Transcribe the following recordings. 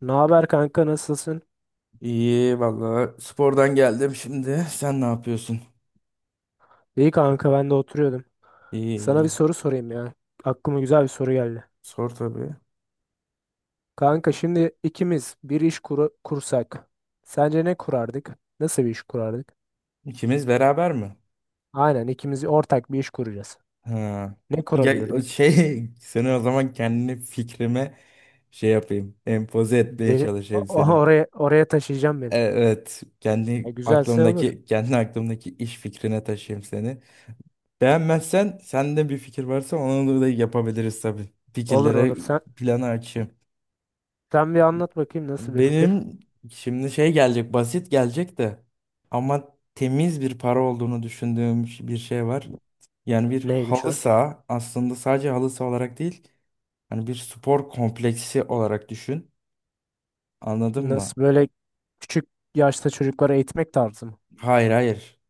Ne haber kanka nasılsın? İyi valla spordan geldim şimdi. Sen ne yapıyorsun? İyi kanka ben de oturuyordum. İyi Sana bir iyi. soru sorayım ya. Aklıma güzel bir soru geldi. Sor tabii. Kanka şimdi ikimiz bir iş kursak. Sence ne kurardık? Nasıl bir iş kurardık? İkimiz beraber mi? Aynen, ikimiz ortak bir iş kuracağız. Ha. Ne Ya, o kurabilirdik? şey seni o zaman kendi fikrime şey yapayım. Empoze etmeye Beni o- çalışayım o- seni. oraya oraya taşıyacağım beni. Evet. Ya Kendi güzelse olur. aklımdaki kendi aklımdaki iş fikrine taşıyayım seni. Beğenmezsen sende bir fikir varsa onu da yapabiliriz tabii. Olur olur. Fikirlere Sen planı açayım. sen bir anlat bakayım, nasıl bir fikir? Benim şimdi şey gelecek basit gelecek de ama temiz bir para olduğunu düşündüğüm bir şey var. Yani bir Neymiş halı o? saha aslında sadece halı saha olarak değil hani bir spor kompleksi olarak düşün. Anladın mı? Nasıl böyle küçük yaşta çocuklara eğitmek tarzı mı? Hayır hayır.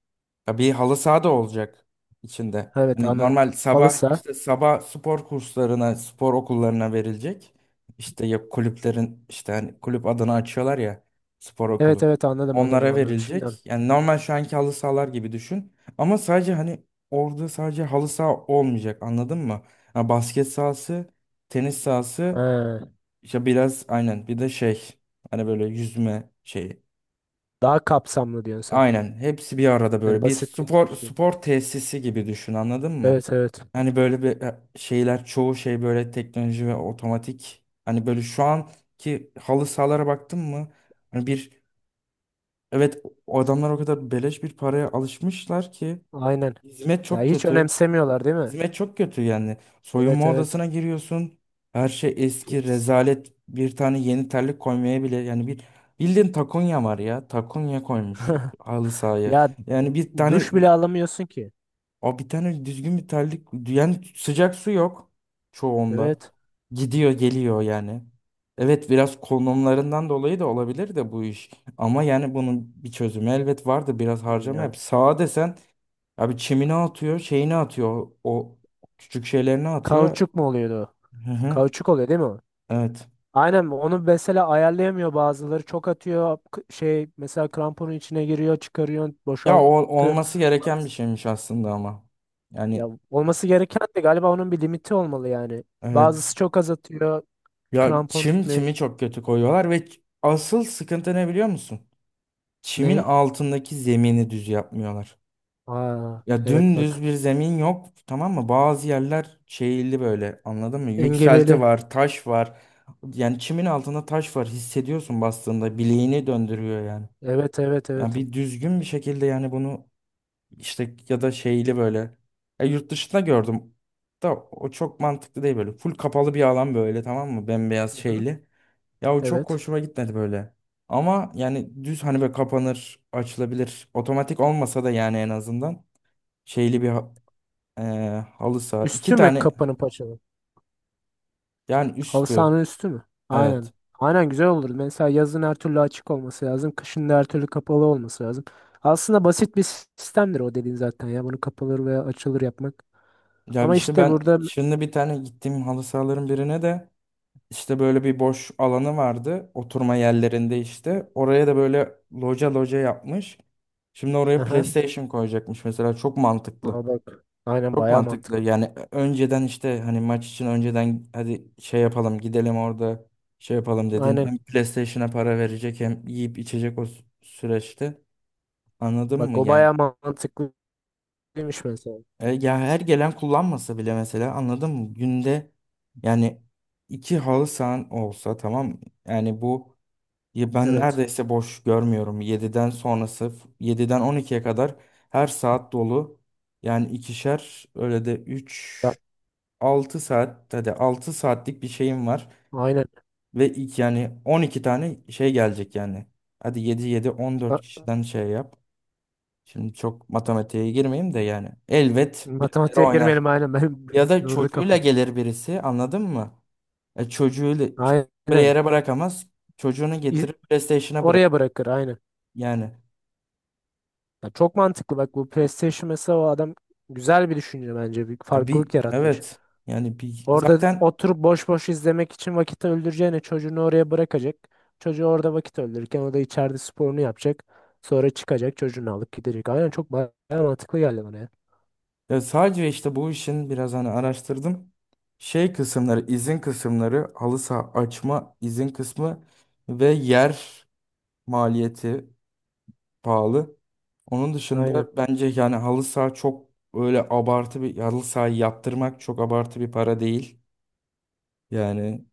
Ya bir halı saha da olacak içinde. Evet Hani anı. normal sabah işte sabah spor kurslarına, spor okullarına verilecek. İşte ya kulüplerin işte hani kulüp adını açıyorlar ya spor Evet okulu. evet, anladım anladım Onlara anladım. Şimdi verilecek. anladım. Yani normal şu anki halı sahalar gibi düşün. Ama sadece hani orada sadece halı saha olmayacak anladın mı? Ya basket sahası, tenis sahası, He, işte biraz aynen bir de şey hani böyle yüzme şeyi. daha kapsamlı diyorsun sen. Aynen. Hepsi bir arada Yani böyle bir basit bir spor şey. spor tesisi gibi düşün anladın mı? Evet evet. Hani böyle bir şeyler çoğu şey böyle teknoloji ve otomatik. Hani böyle şu anki halı sahalara baktın mı? Hani bir evet o adamlar o kadar beleş bir paraya alışmışlar ki Aynen. hizmet Ya çok hiç kötü. önemsemiyorlar değil mi? Hizmet çok kötü yani. Evet Soyunma evet. odasına giriyorsun. Her şey eski, Pis. rezalet. Bir tane yeni terlik koymaya bile yani bir bildiğin takonya var ya. Takonya koymuş halı sahaya. Ya Yani duş bile alamıyorsun ki. Bir tane düzgün bir terlik yani sıcak su yok çoğunda. Evet. Gidiyor geliyor yani. Evet biraz konumlarından dolayı da olabilir de bu iş. Ama yani bunun bir çözümü elbet vardı. Biraz harcama Ya, yap. Sağa desen abi çimini atıyor, şeyini atıyor, o küçük şeylerini atıyor. kauçuk mu oluyordu o? Hı hı. Kauçuk oluyor değil mi o? Evet. Aynen, onu mesela ayarlayamıyor bazıları. Çok atıyor, şey, mesela kramponun içine giriyor, çıkarıyorsun Ya o boşaltıyorsun. olması gereken bir şeymiş aslında ama. Ya Yani olması gereken de galiba onun bir limiti olmalı yani. Bazısı evet. çok az atıyor. Ya Krampon tutmuyor. çimi çok kötü koyuyorlar ve asıl sıkıntı ne biliyor musun? Çimin Ney? altındaki zemini düz yapmıyorlar. Aa, Ya evet dümdüz bak. bir zemin yok tamam mı? Bazı yerler şeyli böyle anladın mı? Yükselti Engebeli. var, taş var. Yani çimin altında taş var hissediyorsun bastığında bileğini döndürüyor yani. Evet evet Yani evet. bir düzgün bir şekilde yani bunu işte ya da şeyli böyle. Yurt dışında gördüm da o çok mantıklı değil böyle. Full kapalı bir alan böyle tamam mı? Bembeyaz Hı hı. şeyli. Ya o çok Evet. hoşuma gitmedi böyle. Ama yani düz hani böyle kapanır, açılabilir. Otomatik olmasa da yani en azından şeyli bir e, halı saha. İki Üstü mü tane kapanın paçalı? yani Halı üstü. sahanın üstü mü? Aynen. Evet. Aynen güzel olur. Mesela yazın her türlü açık olması lazım. Kışın da her türlü kapalı olması lazım. Aslında basit bir sistemdir o dediğin zaten ya. Bunu kapalı veya açılır yapmak. Ya Ama işte işte ben burada... şimdi bir tane gittiğim halı sahaların birine de İşte böyle bir boş alanı vardı oturma yerlerinde işte. Oraya da böyle loca loca yapmış. Şimdi oraya Aha. PlayStation koyacakmış mesela çok Aa mantıklı. bak. Aynen Çok bayağı mantıklı mantıklı. yani önceden işte hani maç için önceden hadi şey yapalım gidelim orada şey yapalım dedin. Aynen. Hem PlayStation'a para verecek hem yiyip içecek o süreçte anladın mı Bak, o yani? bayağı mantıklıymış mesela. Ya her gelen kullanmasa bile mesela anladın mı? Günde yani iki halı sahan olsa tamam mı? Yani bu. Ya ben Evet. neredeyse boş görmüyorum. Yediden sonrası, 7'den 12'ye kadar her saat dolu. Yani ikişer, öyle de 3 Ya, 6 saat, hadi 6 saatlik bir şeyim var. aynen. Ve ilk yani 12 tane şey gelecek yani. Hadi yedi yedi on dört Ha, kişiden şey yap. Şimdi çok matematiğe girmeyeyim de yani. Elbet birileri matematiğe oynar. girmeyelim aynen. Benim Ya da durdu çocuğuyla kafa. gelir birisi, anladın mı? Çocuğu bir Aynen. yere bırakamaz. Çocuğunu İz- getirir PlayStation'a bırak. Oraya bırakır aynen. Yani. Ya, çok mantıklı. Bak, bu PlayStation mesela, o adam güzel bir düşünce bence. Bir Ya bir farklılık yaratmış. evet yani bir Orada zaten oturup boş boş izlemek için vakit öldüreceğine çocuğunu oraya bırakacak. Çocuğu orada vakit öldürürken o da içeride sporunu yapacak. Sonra çıkacak, çocuğunu alıp gidecek. Aynen, çok bayağı mantıklı geldi bana ya. ya sadece işte bu işin biraz hani araştırdım. Şey kısımları, izin kısımları, halı saha açma izin kısmı ve yer maliyeti pahalı. Onun Aynen. dışında bence yani halı saha çok öyle abartı bir halı sahayı yaptırmak çok abartı bir para değil. Yani.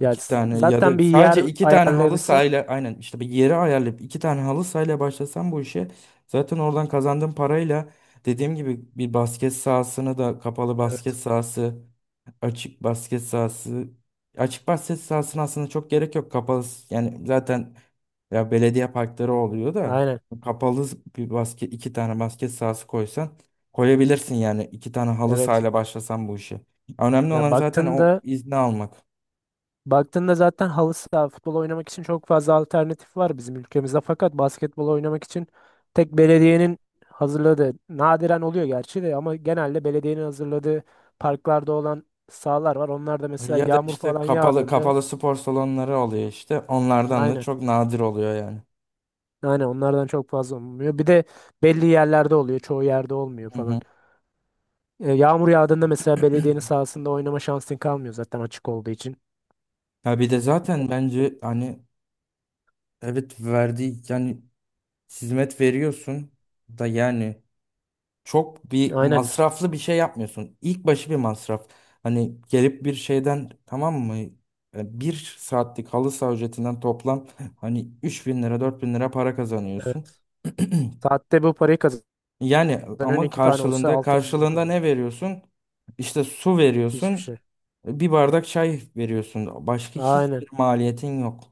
Ya tane ya zaten da bir yer sadece iki tane halı ayarlayabilsem. sahayla aynen işte bir yeri ayarlayıp iki tane halı sahayla başlasam bu işe zaten oradan kazandığım parayla dediğim gibi bir basket sahasını da kapalı basket Evet. sahası açık basket sahası açık basket sahasına aslında çok gerek yok kapalı yani zaten ya belediye parkları oluyor da Aynen. kapalı bir basket iki tane basket sahası koysan koyabilirsin yani iki tane halı Evet. sahayla başlasan bu işe. Önemli Ya olan zaten o baktığında izni almak. baktığında zaten halı saha futbol oynamak için çok fazla alternatif var bizim ülkemizde. Fakat basketbol oynamak için tek belediyenin hazırladığı nadiren oluyor gerçi de, ama genelde belediyenin hazırladığı parklarda olan sahalar var. Onlar da mesela Ya da yağmur işte falan kapalı yağdığında kapalı spor salonları oluyor işte. Onlardan da aynen. çok nadir oluyor yani. Aynen, onlardan çok fazla olmuyor. Bir de belli yerlerde oluyor. Çoğu yerde olmuyor Hı hı. falan. E, yağmur yağdığında mesela belediyenin sahasında oynama şansın kalmıyor zaten, açık olduğu için. Ya bir de zaten bence hani evet verdiği yani hizmet veriyorsun da yani çok bir Aynen. masraflı bir şey yapmıyorsun. İlk başı bir masraf. Hani gelip bir şeyden tamam mı? Bir saatlik halı saha ücretinden toplam hani 3.000 lira 4.000 lira para kazanıyorsun. Evet. Saatte bu parayı kazanıyorsun. Yani ama İki tane olsa karşılığında 6.000 lira karşılığında kazan. ne veriyorsun? İşte su Hiçbir veriyorsun, şey. bir bardak çay veriyorsun. Başka hiçbir Aynen. maliyetin yok.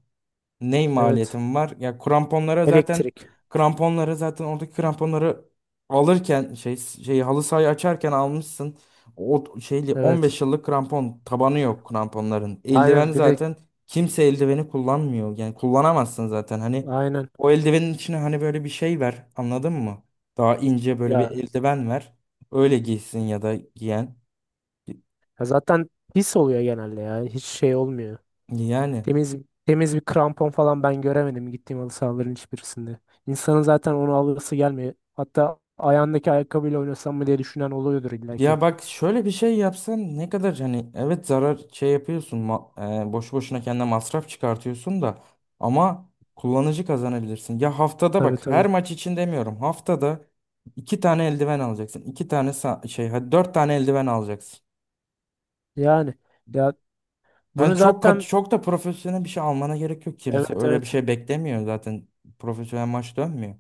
Ne Evet. maliyetim var? Ya kramponlara zaten Elektrik. kramponları zaten oradaki kramponları alırken şey halı sahayı açarken almışsın. O şeyli Evet. 15 yıllık krampon tabanı yok kramponların. Eldiven Aynen. Bir de zaten kimse eldiveni kullanmıyor. Yani kullanamazsın zaten. Hani aynen. o eldivenin içine hani böyle bir şey ver. Anladın mı? Daha ince böyle bir Ya, eldiven ver. Öyle giysin ya da giyen. ya zaten pis oluyor genelde ya. Hiç şey olmuyor. Yani. Temiz temiz bir krampon falan ben göremedim gittiğim halı sahaların hiçbirisinde. İnsanın zaten onu alırsa gelmiyor. Hatta ayağındaki ayakkabıyla oynasam mı diye düşünen oluyordur illa ki. Ya bak şöyle bir şey yapsan ne kadar hani evet zarar şey yapıyorsun boşu boşuna kendine masraf çıkartıyorsun da ama kullanıcı kazanabilirsin. Ya haftada Tabii bak her tabii. maç için demiyorum haftada iki tane eldiven alacaksın. İki tane şey hadi dört tane eldiven alacaksın. Yani ya bunu Yani zaten, çok da profesyonel bir şey almana gerek yok. Kimse evet öyle bir evet. şey beklemiyor zaten profesyonel maç dönmüyor.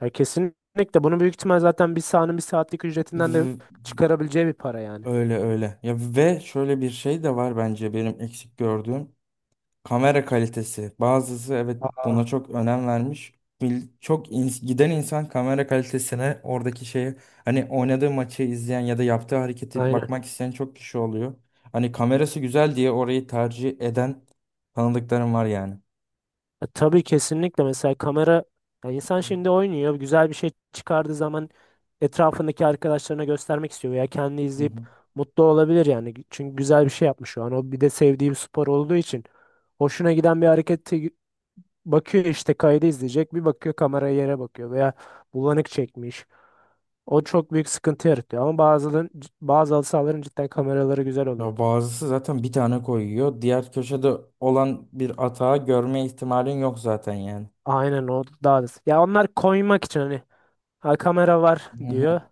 Ya kesinlikle bunu büyük ihtimal zaten bir sahanın bir saatlik ücretinden de V- çıkarabileceği bir para yani. Öyle öyle. Ya ve şöyle bir şey de var bence benim eksik gördüğüm. Kamera kalitesi. Bazısı evet Aa. buna çok önem vermiş. Çok giden insan kamera kalitesine oradaki şeyi hani oynadığı maçı izleyen ya da yaptığı hareketi Aynen. bakmak isteyen çok kişi oluyor. Hani kamerası güzel diye orayı tercih eden tanıdıklarım var yani. Ya tabii, kesinlikle mesela kamera, ya insan şimdi oynuyor, güzel bir şey çıkardığı zaman etrafındaki arkadaşlarına göstermek istiyor veya kendi Hı izleyip hı. mutlu olabilir yani. Çünkü güzel bir şey yapmış şu an. O bir de sevdiği bir spor olduğu için hoşuna giden bir hareketi bakıyor, işte kaydı izleyecek, bir bakıyor kameraya, yere bakıyor veya bulanık çekmiş. O çok büyük sıkıntı yaratıyor, ama bazı halı sahaların cidden kameraları güzel oluyor. Ya bazısı zaten bir tane koyuyor. Diğer köşede olan bir atağı görme ihtimalin yok zaten yani. Aynen o daha da. Ya onlar koymak için hani, ha, kamera var Hı diyor, hı.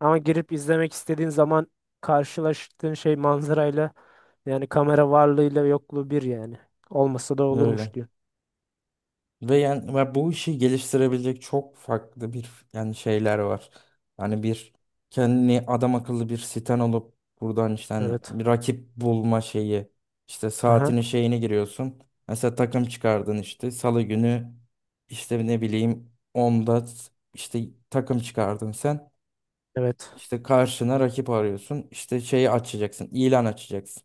ama girip izlemek istediğin zaman karşılaştığın şey, manzarayla, yani kamera varlığıyla yokluğu bir yani. Olmasa da Öyle. olurmuş diyor. Ve yani bu işi geliştirebilecek çok farklı bir yani şeyler var. Yani bir kendini adam akıllı bir siten olup buradan işte hani Evet. bir rakip bulma şeyi işte Aha. saatini şeyini giriyorsun. Mesela takım çıkardın işte salı günü işte ne bileyim onda işte takım çıkardın sen. Evet. İşte karşına rakip arıyorsun. İşte şeyi açacaksın, ilan açacaksın.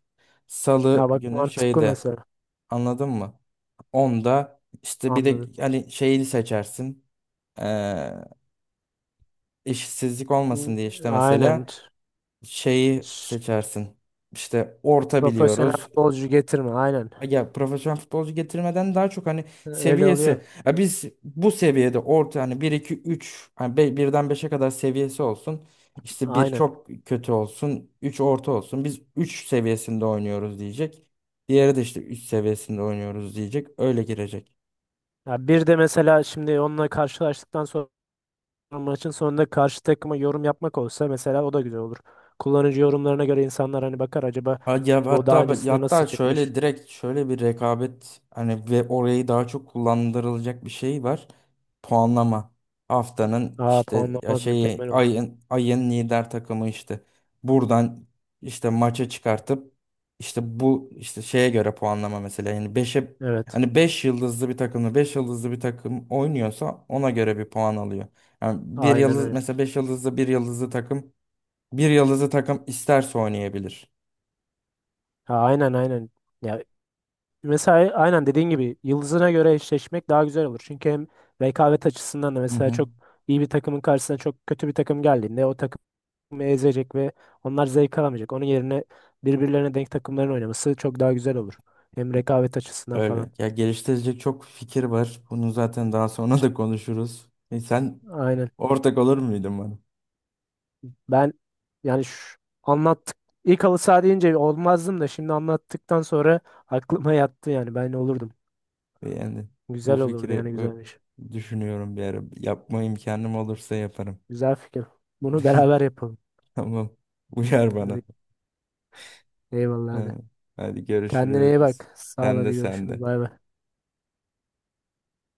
Ya Salı bak, günü mantıklı şeyde. mesela. Anladın mı? Onda işte bir de Anladım. hani şeyi seçersin. Ee, işsizlik olmasın N- diye işte Aynen. mesela şeyi Ş- seçersin. İşte orta Profesyonel biliyoruz. futbolcu getirme. Aynen. Ya profesyonel futbolcu getirmeden daha çok hani Öyle oluyor. seviyesi. Ya biz bu seviyede orta hani bir 2 3 hani birden beşe kadar seviyesi olsun. İşte bir Aynen. çok kötü olsun, 3 orta olsun. Biz 3 seviyesinde oynuyoruz diyecek. Diğeri de işte 3 seviyesinde oynuyoruz diyecek. Öyle girecek. Ya bir de mesela şimdi onunla karşılaştıktan sonra maçın sonunda karşı takıma yorum yapmak olsa mesela, o da güzel olur. Kullanıcı yorumlarına göre insanlar hani bakar, acaba Ha, Ya bu daha hatta ben- ya öncesinde nasıl hatta çıkmış? şöyle direkt şöyle bir rekabet hani ve orayı daha çok kullandırılacak bir şey var. Puanlama. Haftanın Aa, işte ya puanlama şeyi mükemmel olur. ayın lider takımı işte buradan işte maça çıkartıp işte bu işte şeye göre puanlama mesela yani 5'e Evet. hani 5 yıldızlı bir takımla 5 yıldızlı bir takım oynuyorsa ona göre bir puan alıyor. Yani bir Aynen yıldız öyle. mesela 5 yıldızlı bir yıldızlı takım isterse oynayabilir. Ha, aynen aynen. Ya mesela aynen dediğin gibi yıldızına göre eşleşmek daha güzel olur. Çünkü hem rekabet açısından da Hı mesela hı. çok iyi bir takımın karşısına çok kötü bir takım geldiğinde o takım ezecek ve onlar zevk alamayacak. Onun yerine birbirlerine denk takımların oynaması çok daha güzel olur. Hem rekabet açısından falan. Öyle. Ya geliştirecek çok fikir var. Bunu zaten daha sonra da konuşuruz. Sen Aynen. ortak olur muydun bana? Ben yani şu, anlattık. İlk halı saha deyince olmazdım da, şimdi anlattıktan sonra aklıma yattı yani, ben olurdum. Yani bu Güzel olurdu fikri yani, güzelmiş. düşünüyorum bir ara. Yapma imkanım olursa yaparım. Güzel fikir. Bunu beraber yapalım. Tamam. Uyar bana. Hadi eyvallah, Ha. hadi. Hadi Kendine iyi görüşürüz. bak. Sağ ol, Sen de hadi sen görüşürüz. de. Bay bay.